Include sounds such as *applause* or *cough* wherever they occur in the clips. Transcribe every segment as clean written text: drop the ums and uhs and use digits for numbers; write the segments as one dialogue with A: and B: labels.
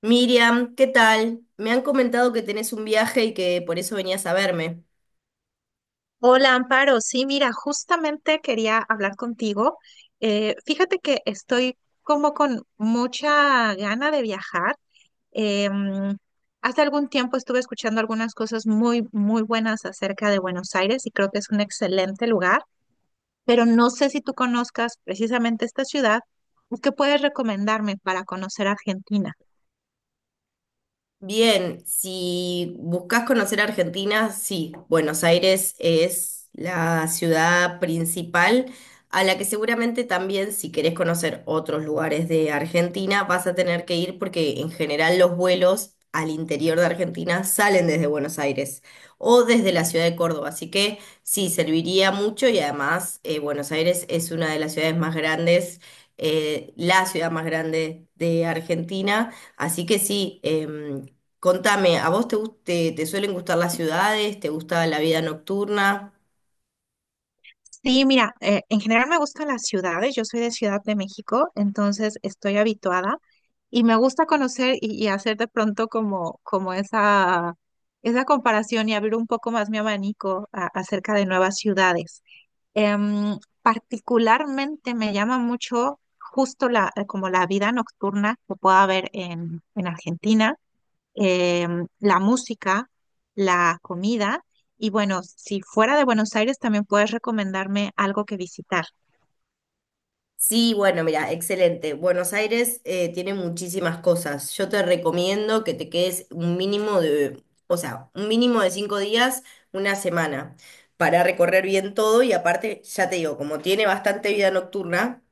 A: Miriam, ¿qué tal? Me han comentado que tenés un viaje y que por eso venías a verme.
B: Hola, Amparo. Sí, mira, justamente quería hablar contigo. Fíjate que estoy como con mucha gana de viajar. Eh, mm, Hace algún tiempo estuve escuchando algunas cosas muy, muy buenas acerca de Buenos Aires y creo que es un excelente lugar, pero no sé si tú conozcas precisamente esta ciudad. ¿Qué puedes recomendarme para conocer Argentina?
A: Bien, si buscas conocer Argentina, sí, Buenos Aires es la ciudad principal a la que seguramente también si querés conocer otros lugares de Argentina vas a tener que ir porque en general los vuelos al interior de Argentina salen desde Buenos Aires o desde la ciudad de Córdoba, así que sí, serviría mucho y además Buenos Aires es una de las ciudades más grandes, la ciudad más grande de Argentina. Así que sí, contame, ¿a vos te suelen gustar las ciudades? ¿Te gusta la vida nocturna?
B: Sí, mira, en general me gustan las ciudades, yo soy de Ciudad de México, entonces estoy habituada y me gusta conocer y hacer de pronto como esa, esa comparación y abrir un poco más mi abanico acerca de nuevas ciudades. Em, Particularmente me llama mucho justo la, como la vida nocturna que pueda haber en Argentina, eh, la música, la comida y bueno, si fuera de Buenos Aires también puedes recomendarme algo que visitar.
A: Sí, bueno, mira, excelente. Buenos Aires tiene muchísimas cosas. Yo te recomiendo que te quedes un mínimo de, o sea, un mínimo de 5 días, una semana, para recorrer bien todo y aparte, ya te digo, como tiene bastante vida nocturna.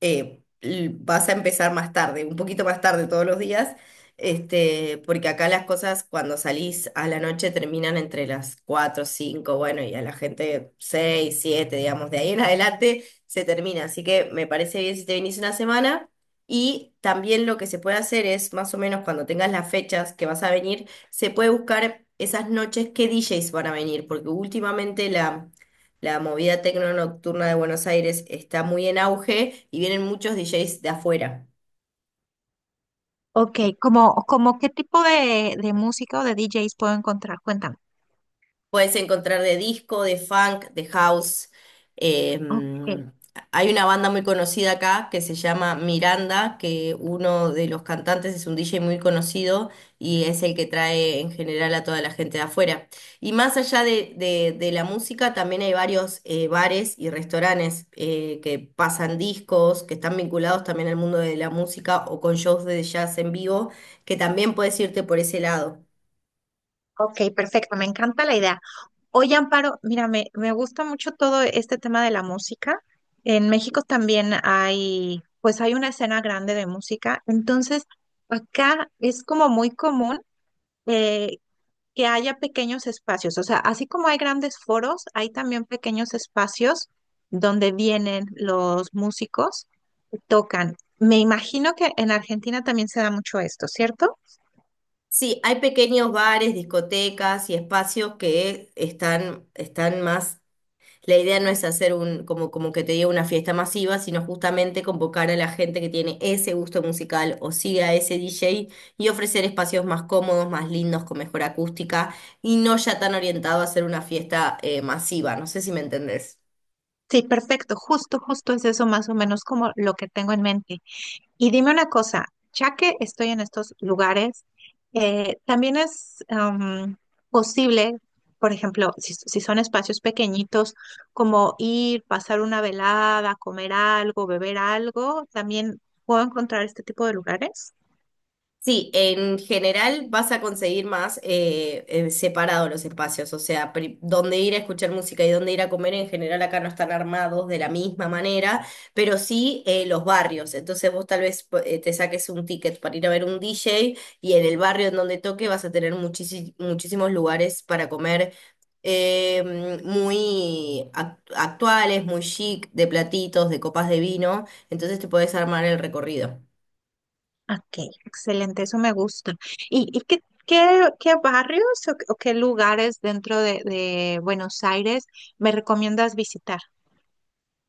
A: Vas a empezar más tarde, un poquito más tarde todos los días, este, porque acá las cosas cuando salís a la noche terminan entre las 4, 5, bueno, y a la gente 6, 7, digamos, de ahí en adelante se termina. Así que me parece bien si te venís una semana. Y también lo que se puede hacer es, más o menos cuando tengas las fechas que vas a venir, se puede buscar esas noches qué DJs van a venir, porque últimamente la movida tecno nocturna de Buenos Aires está muy en auge y vienen muchos DJs de afuera.
B: Ok, como qué tipo de música o de DJs puedo encontrar? Cuéntame.
A: Puedes encontrar de disco, de funk, de house.
B: Ok,
A: Em, hay una banda muy conocida acá que se llama Miranda, que uno de los cantantes es un DJ muy conocido y es el que trae en general a toda la gente de afuera. Y más allá de la música, también hay varios bares y restaurantes que pasan discos, que están vinculados también al mundo de la música o con shows de jazz en vivo, que también puedes irte por ese lado.
B: ok, perfecto, me encanta la idea. Oye, Amparo, mira, me gusta mucho todo este tema de la música. En México también hay, pues hay una escena grande de música. Entonces, acá es como muy común, eh, que haya pequeños espacios. O sea, así como hay grandes foros, hay también pequeños espacios donde vienen los músicos y tocan. Me imagino que en Argentina también se da mucho esto, ¿cierto?
A: Sí, hay pequeños bares, discotecas y espacios que están más. La idea no es hacer un, como que te diga, una fiesta masiva, sino justamente convocar a la gente que tiene ese gusto musical o sigue a ese DJ y ofrecer espacios más cómodos, más lindos, con mejor acústica y no ya tan orientado a hacer una fiesta masiva. No sé si me entendés.
B: Sí, perfecto. Justo, justo es eso más o menos como lo que tengo en mente. Y dime una cosa, ya que estoy en estos lugares, también es posible, por ejemplo, si son espacios pequeñitos, como ir, pasar una velada, comer algo, beber algo, también puedo encontrar este tipo de lugares.
A: Sí, en general vas a conseguir más separados los espacios, o sea, dónde ir a escuchar música y dónde ir a comer en general acá no están armados de la misma manera, pero sí los barrios. Entonces vos tal vez te saques un ticket para ir a ver un DJ y en el barrio en donde toque vas a tener muchísimos lugares para comer muy actuales, muy chic, de platitos, de copas de vino, entonces te podés armar el recorrido.
B: Ok, excelente, eso me gusta. ¿Y qué barrios o qué lugares dentro de Buenos Aires me recomiendas visitar?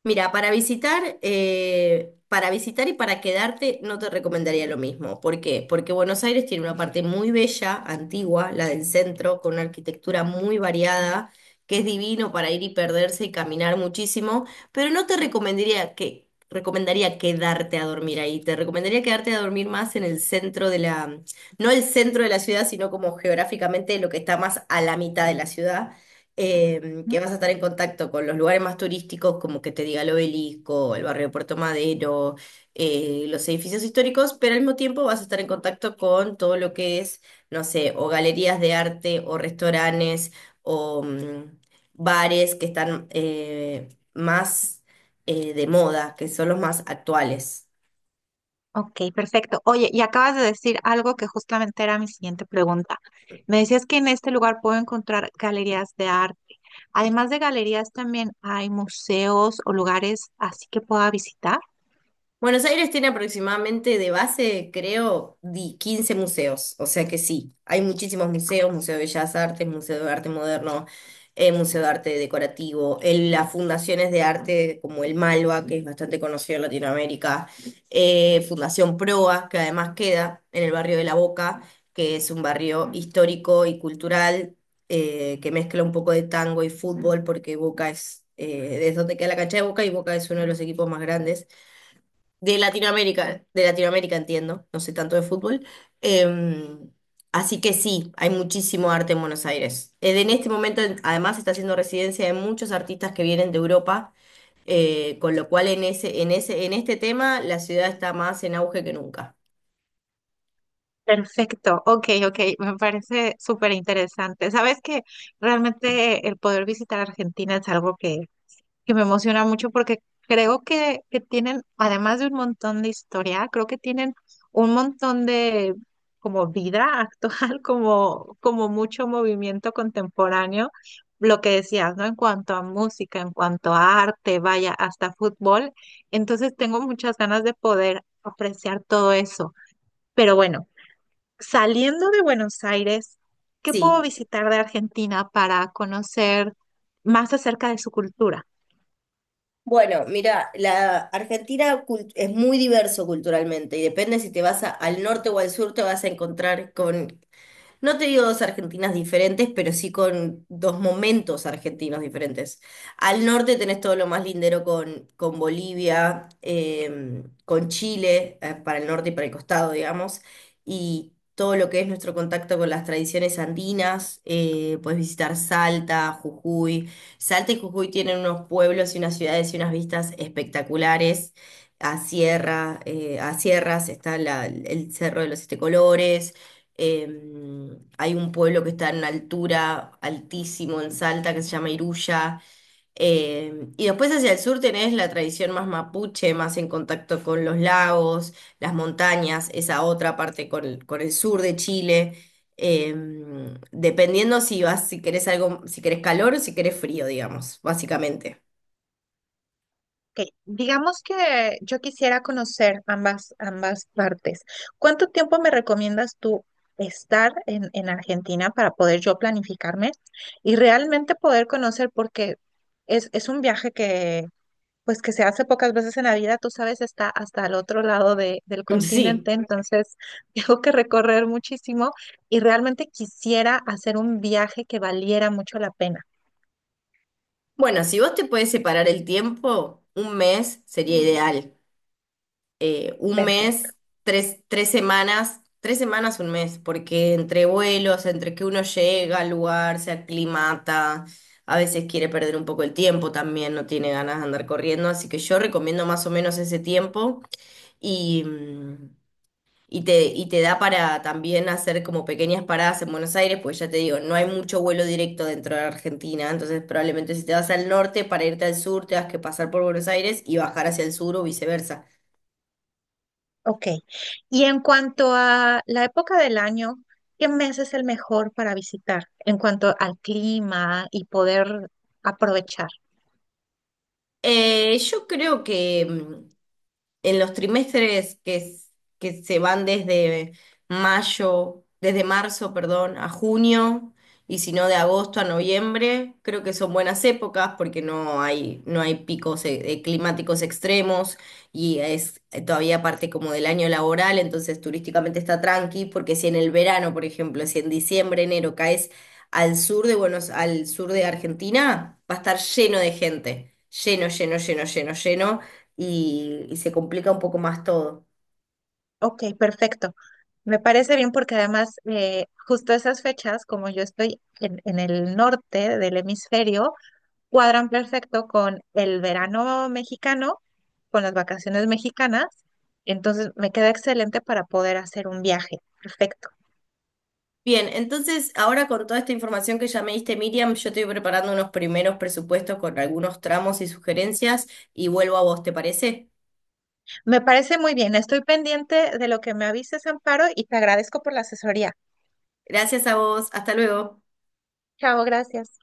A: Mira, para visitar y para quedarte no te recomendaría lo mismo. ¿Por qué? Porque Buenos Aires tiene una parte muy bella, antigua, la del centro, con una arquitectura muy variada, que es divino para ir y perderse y caminar muchísimo, pero no te recomendaría que recomendaría quedarte a dormir ahí. Te recomendaría quedarte a dormir más en el centro de la, no el centro de la ciudad, sino como geográficamente lo que está más a la mitad de la ciudad que vas a estar en contacto con los lugares más turísticos, como que te diga el Obelisco, el barrio de Puerto Madero, los edificios históricos, pero al mismo tiempo vas a estar en contacto con todo lo que es, no sé, o galerías de arte, o restaurantes, o bares que están más de moda, que son los más actuales.
B: Ok, perfecto. Oye, y acabas de decir algo que justamente era mi siguiente pregunta. Me decías que en este lugar puedo encontrar galerías de arte. Además de galerías, también hay museos o lugares así que pueda visitar.
A: Buenos Aires tiene aproximadamente de base, creo, 15 museos, o sea que sí, hay muchísimos museos, Museo de Bellas Artes, Museo de Arte Moderno, Museo de Arte Decorativo, las fundaciones de arte como el Malva, que es bastante conocido en Latinoamérica, Fundación Proa, que además queda en el barrio de La Boca, que es un barrio histórico y cultural que mezcla un poco de tango y fútbol, porque Boca es donde queda la cancha de Boca y Boca es uno de los equipos más grandes de Latinoamérica entiendo, no sé tanto de fútbol. Em, así que sí, hay muchísimo arte en Buenos Aires. En este momento, además, está haciendo residencia de muchos artistas que vienen de Europa, con lo cual en este tema la ciudad está más en auge que nunca.
B: Perfecto, ok, ok, me parece súper interesante. Sabes que realmente el poder visitar Argentina es algo que me emociona mucho porque creo que tienen, además de un montón de historia, creo que tienen un montón de como vida actual, *laughs* como, como mucho movimiento contemporáneo, lo que decías, ¿no? En cuanto a música, en cuanto a arte, vaya, hasta fútbol. Entonces tengo muchas ganas de poder apreciar todo eso. Pero bueno, saliendo de Buenos Aires, ¿qué puedo
A: Sí.
B: visitar de Argentina para conocer más acerca de su cultura?
A: Bueno, mira, la Argentina es muy diverso culturalmente y depende si te vas al norte o al sur, te vas a encontrar con. No te digo dos Argentinas diferentes, pero sí con dos momentos argentinos diferentes. Al norte tenés todo lo más lindero con Bolivia, con Chile, para el norte y para el costado, digamos, y todo lo que es nuestro contacto con las tradiciones andinas. Puedes visitar Salta, Jujuy. Salta y Jujuy tienen unos pueblos y unas ciudades y unas vistas espectaculares. A sierras está el Cerro de los Siete Colores. Hay un pueblo que está en una altura altísimo en Salta que se llama Iruya. Y después hacia el sur tenés la tradición más mapuche, más en contacto con los lagos, las montañas, esa otra parte con el sur de Chile. Dependiendo si vas, si querés algo, si querés calor o si querés frío, digamos, básicamente.
B: Ok, digamos que yo quisiera conocer ambas, ambas partes. ¿Cuánto tiempo me recomiendas tú estar en Argentina para poder yo planificarme y realmente poder conocer? Porque es un viaje que, pues, que se hace pocas veces en la vida. Tú sabes, está hasta el otro lado del
A: *laughs* Sí.
B: continente, entonces *laughs* tengo que recorrer muchísimo y realmente quisiera hacer un viaje que valiera mucho la pena.
A: Bueno, si vos te puedes separar el tiempo, un mes sería ideal. Un
B: Perfecto.
A: mes, tres semanas, 3 semanas, un mes, porque entre vuelos, entre que uno llega al lugar, se aclimata, a veces quiere perder un poco el tiempo también, no tiene ganas de andar corriendo, así que yo recomiendo más o menos ese tiempo y, mm, y te da para también hacer como pequeñas paradas en Buenos Aires, pues ya te digo, no hay mucho vuelo directo dentro de Argentina, entonces probablemente si te vas al norte, para irte al sur, te vas que pasar por Buenos Aires y bajar hacia el sur o viceversa.
B: Ok. Y en cuanto a la época del año, ¿qué mes es el mejor para visitar en cuanto al clima y poder aprovechar?
A: Yo creo que, en los trimestres que, que se van desde mayo, desde marzo, perdón, a junio, y si no de agosto a noviembre, creo que son buenas épocas porque no hay picos climáticos extremos y es todavía parte como del año laboral, entonces turísticamente está tranqui, porque si en el verano, por ejemplo, si en diciembre, enero caes al sur de Buenos, al sur de Argentina, va a estar lleno de gente, lleno, lleno, lleno, lleno, lleno y se complica un poco más todo.
B: Ok, perfecto. Me parece bien porque además justo esas fechas, como yo estoy en el norte del hemisferio, cuadran perfecto con el verano mexicano, con las vacaciones mexicanas. Entonces me queda excelente para poder hacer un viaje. Perfecto.
A: Bien, entonces ahora con toda esta información que ya me diste, Miriam, yo estoy preparando unos primeros presupuestos con algunos tramos y sugerencias y vuelvo a vos, ¿te parece?
B: Me parece muy bien. Estoy pendiente de lo que me avises, Amparo, y te agradezco por la asesoría.
A: Gracias a vos, hasta luego.
B: Chao, gracias.